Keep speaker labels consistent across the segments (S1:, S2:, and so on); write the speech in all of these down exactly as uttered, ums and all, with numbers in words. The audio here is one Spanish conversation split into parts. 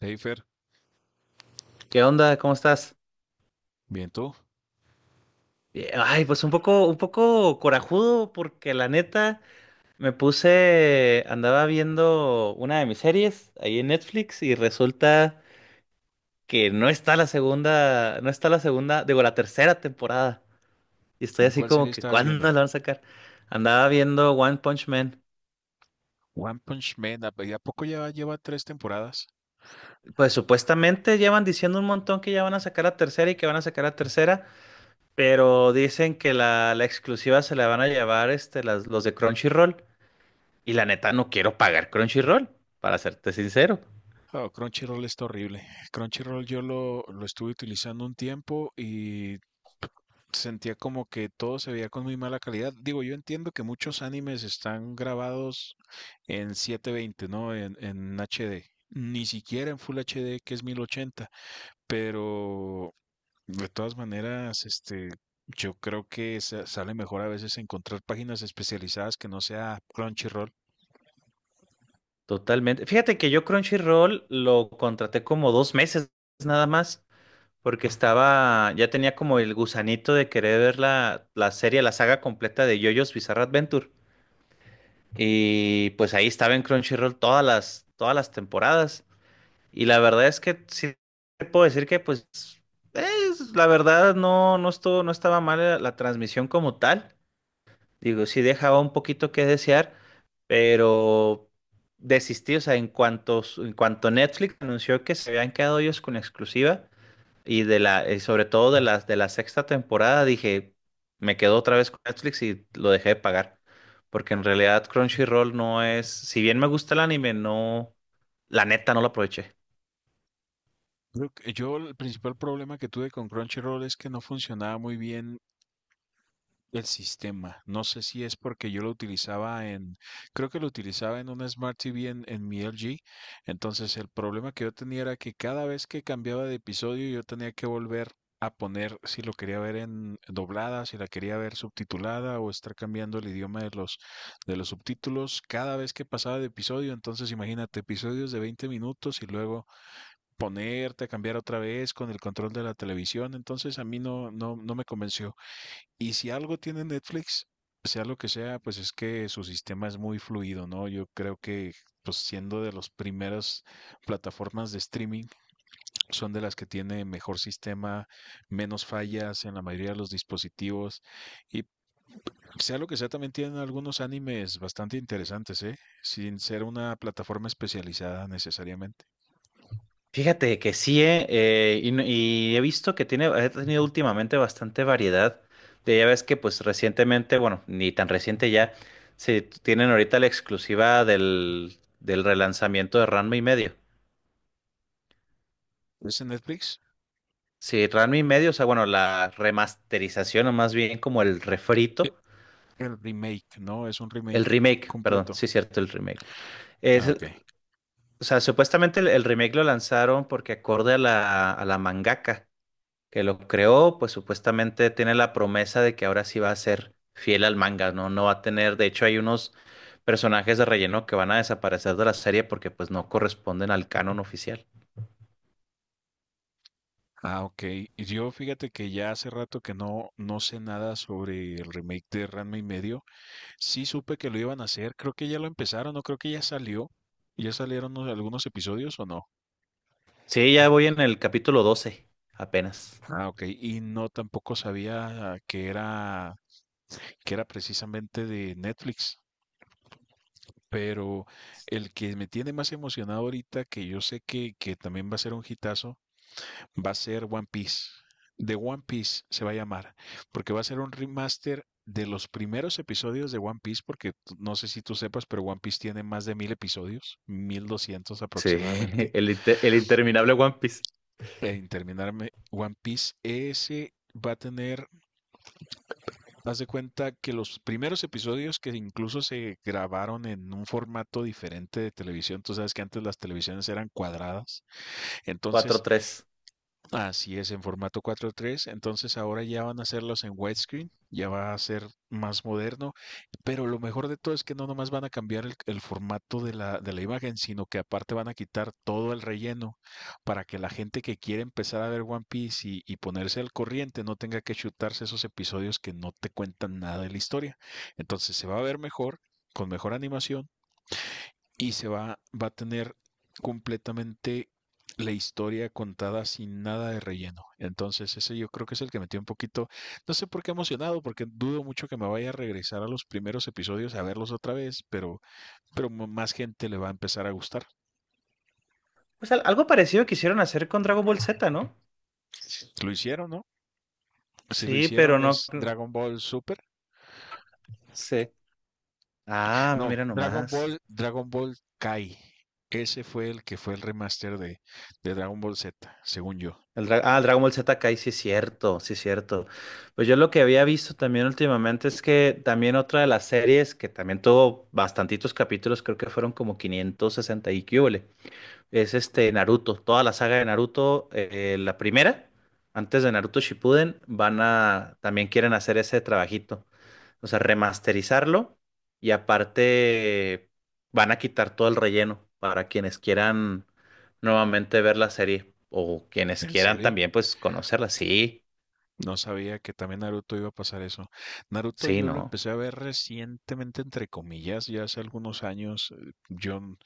S1: Hey, Fer,
S2: ¿Qué onda? ¿Cómo estás?
S1: bien, ¿tú?
S2: Bien. Ay, pues un poco, un poco corajudo porque la neta me puse, andaba viendo una de mis series ahí en Netflix y resulta que no está la segunda, no está la segunda, digo, la tercera temporada. Y estoy
S1: ¿De
S2: así
S1: ¿Cuál
S2: como
S1: serie
S2: que,
S1: estabas
S2: ¿cuándo
S1: viendo?
S2: la van a sacar? Andaba viendo One Punch Man.
S1: One Punch Man, ¿a a poco ya lleva tres temporadas?
S2: Pues supuestamente llevan diciendo un montón que ya van a sacar la tercera y que van a sacar la tercera, pero dicen que la, la exclusiva se la van a llevar este, las, los de Crunchyroll. Y la neta no quiero pagar Crunchyroll, para serte sincero.
S1: Oh, Crunchyroll está horrible. Crunchyroll yo lo, lo estuve utilizando un tiempo y sentía como que todo se veía con muy mala calidad. Digo, yo entiendo que muchos animes están grabados en siete veinte, ¿no? En, en H D. Ni siquiera en Full H D, que es mil ochenta. Pero, de todas maneras, este, yo creo que sa- sale mejor a veces encontrar páginas especializadas que no sea Crunchyroll.
S2: Totalmente. Fíjate que yo Crunchyroll lo contraté como dos meses nada más, porque estaba, ya tenía como el gusanito de querer ver la, la serie, la saga completa de JoJo's Bizarre Adventure. Y pues ahí estaba en Crunchyroll todas las, todas las temporadas. Y la verdad es que sí te puedo decir que pues es, la verdad no, no estuvo, no estaba mal la, la transmisión como tal. Digo, sí dejaba un poquito que desear, pero desistí, o sea, en cuanto, su- en cuanto Netflix anunció que se habían quedado ellos con la exclusiva y de la, y sobre todo de las de la sexta temporada, dije, me quedo otra vez con Netflix y lo dejé de pagar, porque en realidad Crunchyroll no es, si bien me gusta el anime, no, la neta no lo aproveché.
S1: Creo que- Yo, el principal problema que tuve con Crunchyroll es que no funcionaba muy bien el sistema. No sé si es porque yo lo utilizaba en, creo que lo utilizaba en una Smart T V en, en mi L G, entonces el problema que yo tenía era que cada vez que cambiaba de episodio yo tenía que volver a poner si lo quería ver en doblada, si la quería ver subtitulada o estar cambiando el idioma de los de los subtítulos cada vez que pasaba de episodio, entonces imagínate episodios de veinte minutos y luego ponerte a cambiar otra vez con el control de la televisión, entonces a mí no no no me convenció. Y si algo tiene Netflix, sea lo que sea, pues es que su sistema es muy fluido, ¿no? Yo creo que, pues siendo de las primeras plataformas de streaming, son de las que tiene mejor sistema, menos fallas en la mayoría de los dispositivos. Y sea lo que sea, también tienen algunos animes bastante interesantes, ¿eh? Sin ser una plataforma especializada necesariamente.
S2: Fíjate que sí, eh, eh, y, no- y he visto que tiene, ha tenido últimamente bastante variedad. De, ya ves que pues recientemente, bueno, ni tan reciente ya, se tienen ahorita la exclusiva del, del relanzamiento de Ranma y medio.
S1: ¿Es en Netflix?
S2: Sí, Ranma y medio, o sea, bueno, la remasterización o más bien como el
S1: Eh,
S2: refrito,
S1: El remake, ¿no? Es un
S2: el
S1: remake
S2: remake, perdón,
S1: completo.
S2: sí es cierto, el remake. Es,
S1: Ah, ok.
S2: o sea, supuestamente el, el remake lo lanzaron porque acorde a la, a la mangaka. Que lo creó, pues supuestamente tiene la promesa de que ahora sí va a ser fiel al manga, ¿no? No va a tener, de hecho hay unos personajes de relleno que van a desaparecer de la serie porque pues no corresponden al canon oficial.
S1: Ah, ok. Y Yo fíjate que ya hace rato que no, no sé nada sobre el remake de Ranma y medio. Sí supe que lo iban a hacer. Creo que ya lo empezaron, o creo que ya salió. ¿Ya salieron unos- algunos episodios o no?
S2: Sí, ya voy en el capítulo doce, apenas.
S1: Ah, ok. Y no tampoco sabía que era, que era precisamente de Netflix. Pero el que me tiene más emocionado ahorita, que yo sé que, que también va a ser un hitazo, va a ser One Piece. The One Piece se va a llamar, porque va a ser un remaster de los primeros episodios de One Piece, porque no sé si tú sepas, pero One Piece tiene más de mil episodios, mil doscientos
S2: Sí,
S1: aproximadamente.
S2: el, inte- el interminable One Piece
S1: e En terminarme One Piece, ese va a tener, haz de cuenta que los primeros episodios que incluso se grabaron en un formato diferente de televisión, tú sabes que antes las televisiones eran cuadradas, entonces
S2: cuatro tres.
S1: así es, en formato cuatro tres, entonces ahora ya van a hacerlos en widescreen, ya va a ser más moderno, pero lo mejor de todo es que no nomás van a cambiar el, el formato de la, de la imagen, sino que aparte van a quitar todo el relleno para que la gente que quiere empezar a ver One Piece y, y ponerse al corriente no tenga que chutarse esos episodios que no te cuentan nada de la historia. Entonces se va a ver mejor, con mejor animación y se va, va a tener completamente la historia contada sin nada de relleno. Entonces, ese yo creo que es el que metió un poquito, no sé por qué emocionado, porque dudo mucho que me vaya a regresar a los primeros episodios a verlos otra vez, pero, pero m- más gente le va a empezar a gustar.
S2: Pues al- algo parecido quisieron hacer con Dragon Ball Z, ¿no?
S1: Lo hicieron, ¿no? Si lo
S2: Sí, pero
S1: hicieron
S2: no.
S1: es
S2: Mm.
S1: Dragon Ball Super.
S2: Sí. Ah,
S1: No,
S2: mira
S1: Dragon
S2: nomás.
S1: Ball, Dragon Ball Kai. Ese fue el que fue el remaster de, de Dragon Ball Z, según yo.
S2: El Dra- ah, el Dragon Ball Z Kai, sí es cierto, sí es cierto. Pues yo lo que había visto también últimamente es que también otra de las series que también tuvo bastantitos capítulos, creo que fueron como quinientos sesenta y quíbole, es este Naruto. Toda la saga de Naruto, eh, eh, la primera, antes de Naruto Shippuden, van a, también quieren hacer ese trabajito. O sea, remasterizarlo y aparte van a quitar todo el relleno para quienes quieran nuevamente ver la serie o quienes
S1: ¿En
S2: quieran
S1: serio?
S2: también pues conocerla. Sí,
S1: No sabía que también Naruto iba a pasar eso. Naruto
S2: sí,
S1: yo lo
S2: ¿no?
S1: empecé a ver recientemente, entre comillas, ya hace algunos años. eh, Yo, n-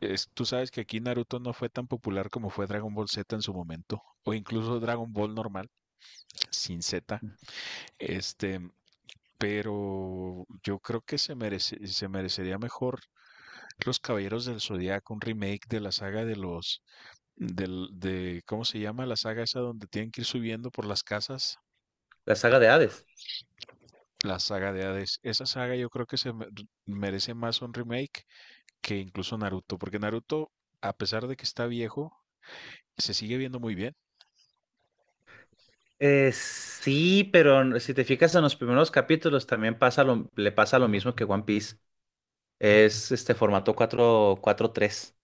S1: es- Tú sabes que aquí Naruto no fue tan popular como fue Dragon Ball Z en su momento, o incluso Dragon Ball normal, sin Z. Este, pero yo creo que se merece, se merecería mejor Los Caballeros del Zodiaco, un remake de la saga de los, del, de, ¿cómo se llama? La saga esa donde tienen que ir subiendo por las casas.
S2: La saga de Hades.
S1: La saga de Hades. Esa saga yo creo que se me- merece más un remake que incluso Naruto, porque Naruto, a pesar de que está viejo, se sigue viendo muy bien.
S2: Eh, sí, pero si te fijas en los primeros capítulos también pasa lo, le pasa lo mismo que One Piece. Es este formato cuatro cuatro tres.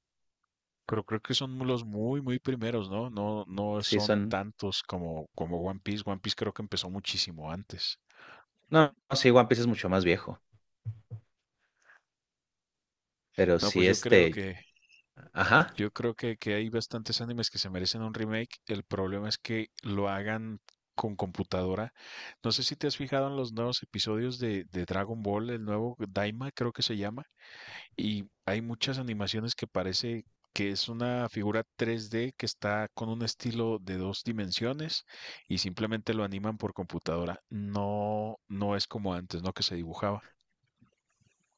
S1: Pero creo que son los muy, muy primeros, ¿no? No, no
S2: Sí,
S1: son
S2: son...
S1: tantos como, como One Piece. One Piece creo que empezó muchísimo antes.
S2: No, no, sí, One Piece es mucho más viejo, pero
S1: No, pues
S2: sí
S1: yo creo
S2: este.
S1: que
S2: Ajá.
S1: Yo creo que, que hay bastantes animes que se merecen un remake. El problema es que lo hagan con computadora. No sé si te has fijado en los nuevos episodios de, de Dragon Ball, el nuevo Daima creo que se llama, y hay muchas animaciones que parece que es una figura tres D que está con un estilo de dos dimensiones y simplemente lo animan por computadora. No, no es como antes, ¿no? Que se dibujaba.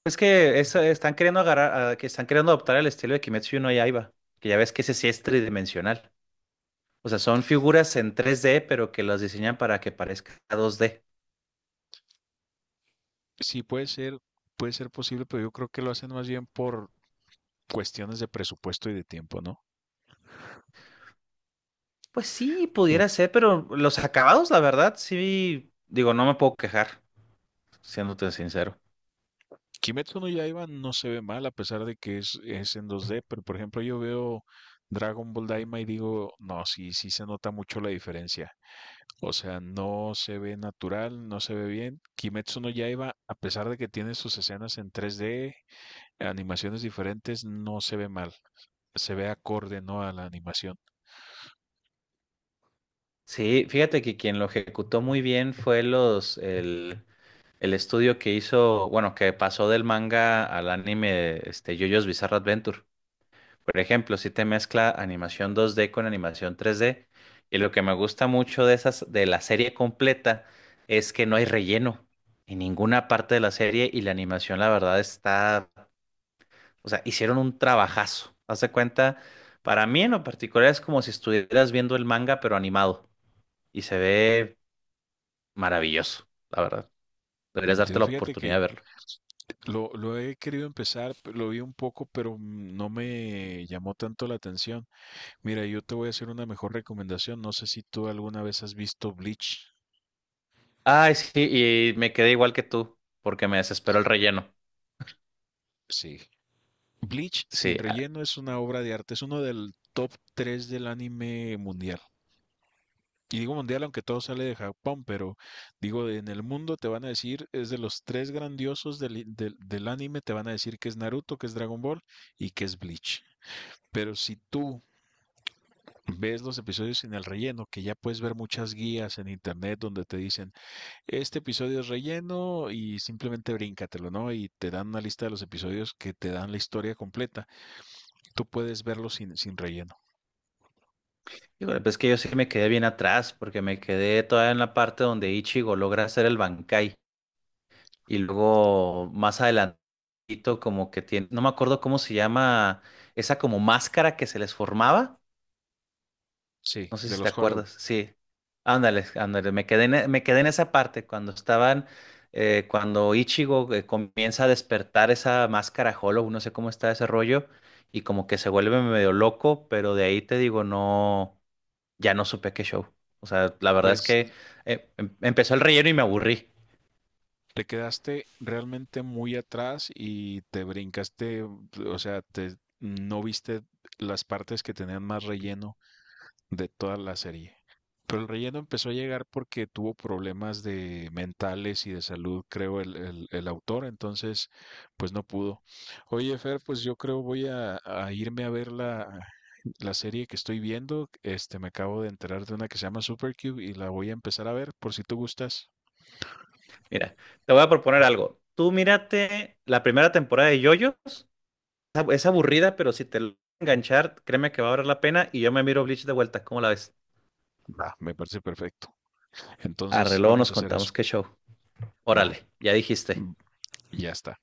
S2: Es que eso- están queriendo agarrar, ah, que están queriendo adoptar el estilo de Kimetsu no Yaiba, que ya ves que ese sí es tridimensional. O sea, son figuras en tres D, pero que las diseñan para que parezca dos D.
S1: Sí, puede ser, puede ser posible, pero yo creo que lo hacen más bien por cuestiones de presupuesto y de tiempo, ¿no?
S2: Pues sí,
S1: Mm.
S2: pudiera ser, pero los acabados, la verdad, sí, digo, no me puedo quejar, siéndote sincero.
S1: Kimetsu no Yaiba no se ve mal a pesar de que es, es en dos D, pero por ejemplo yo veo Dragon Ball Daima y digo, no, sí, sí se nota mucho la diferencia. O sea, no se ve natural, no se ve bien. Kimetsu no Yaiba, a pesar de que tiene sus escenas en tres D, animaciones diferentes, no se ve mal. Se ve acorde, ¿no? A la animación.
S2: Sí, fíjate que quien lo ejecutó muy bien fue los, el, el estudio que hizo, bueno, que pasó del manga al anime, este, JoJo's Bizarre Adventure. Por ejemplo, si te mezcla animación dos D con animación tres D, y lo que me gusta mucho de esas, de la serie completa, es que no hay relleno en ninguna parte de la serie y la animación, la verdad, está, o sea, hicieron un trabajazo. Haz de cuenta, para mí en lo particular es como si estuvieras viendo el manga, pero animado, y se ve maravilloso, la verdad. Deberías darte
S1: Entiendo,
S2: la
S1: fíjate
S2: oportunidad de
S1: que
S2: verlo.
S1: lo, lo he querido empezar, lo vi un poco, pero no me llamó tanto la atención. Mira, yo te voy a hacer una mejor recomendación. No sé si tú alguna vez has visto Bleach.
S2: Ay, sí, y me quedé igual que tú, porque me desesperó el relleno.
S1: Sí. Bleach
S2: Sí,
S1: sin
S2: ah,
S1: relleno es una obra de arte, es uno del top tres del anime mundial. Y digo mundial aunque todo sale de Japón, pero digo, en el mundo te van a decir, es de los tres grandiosos del, i- del, del anime, te van a decir que es Naruto, que es Dragon Ball y que es Bleach. Pero si tú ves los episodios sin el relleno, que ya puedes ver muchas guías en internet donde te dicen: este episodio es relleno y simplemente bríncatelo, ¿no? Y te dan una lista de los episodios que te dan la historia completa. Tú puedes verlo sin, sin relleno.
S2: híjole, pues es que yo sí me quedé bien atrás porque me quedé todavía en la parte donde Ichigo logra hacer el Bankai y luego más adelantito como que tiene, no me acuerdo cómo se llama esa como máscara que se les formaba,
S1: Sí,
S2: no sé
S1: de
S2: si te
S1: los Hollow.
S2: acuerdas, sí, ándale, ándale, me quedé en, e- me quedé en esa parte cuando estaban, eh, cuando Ichigo eh, comienza a despertar esa máscara Hollow, no sé cómo está ese rollo y como que se vuelve medio loco, pero de ahí te digo, no ya no supe qué show. O sea, la verdad es
S1: Pues
S2: que eh, em- empezó el relleno y me aburrí.
S1: te quedaste realmente muy atrás y te brincaste, o sea, te, no viste las partes que tenían más relleno de toda la serie. Pero el relleno empezó a llegar porque tuvo problemas de mentales y de salud, creo, el, el- el autor. Entonces pues no pudo. Oye, Fer, pues yo creo voy a, a irme a ver la, la serie que estoy viendo. Este, me acabo de enterar de una que se llama Supercube y la voy a empezar a ver por si tú gustas.
S2: Mira, te voy a proponer algo. Tú mírate la primera temporada de JoJo's. Es ab- es aburrida, pero si te logra enganchar, créeme que va a valer la pena y yo me miro Bleach de vuelta. ¿Cómo la ves?
S1: Va, me parece perfecto.
S2: Arre,
S1: Entonces
S2: luego
S1: vamos a
S2: nos
S1: hacer eso.
S2: contamos qué show.
S1: Va,
S2: Órale, ya dijiste.
S1: mm, ya está.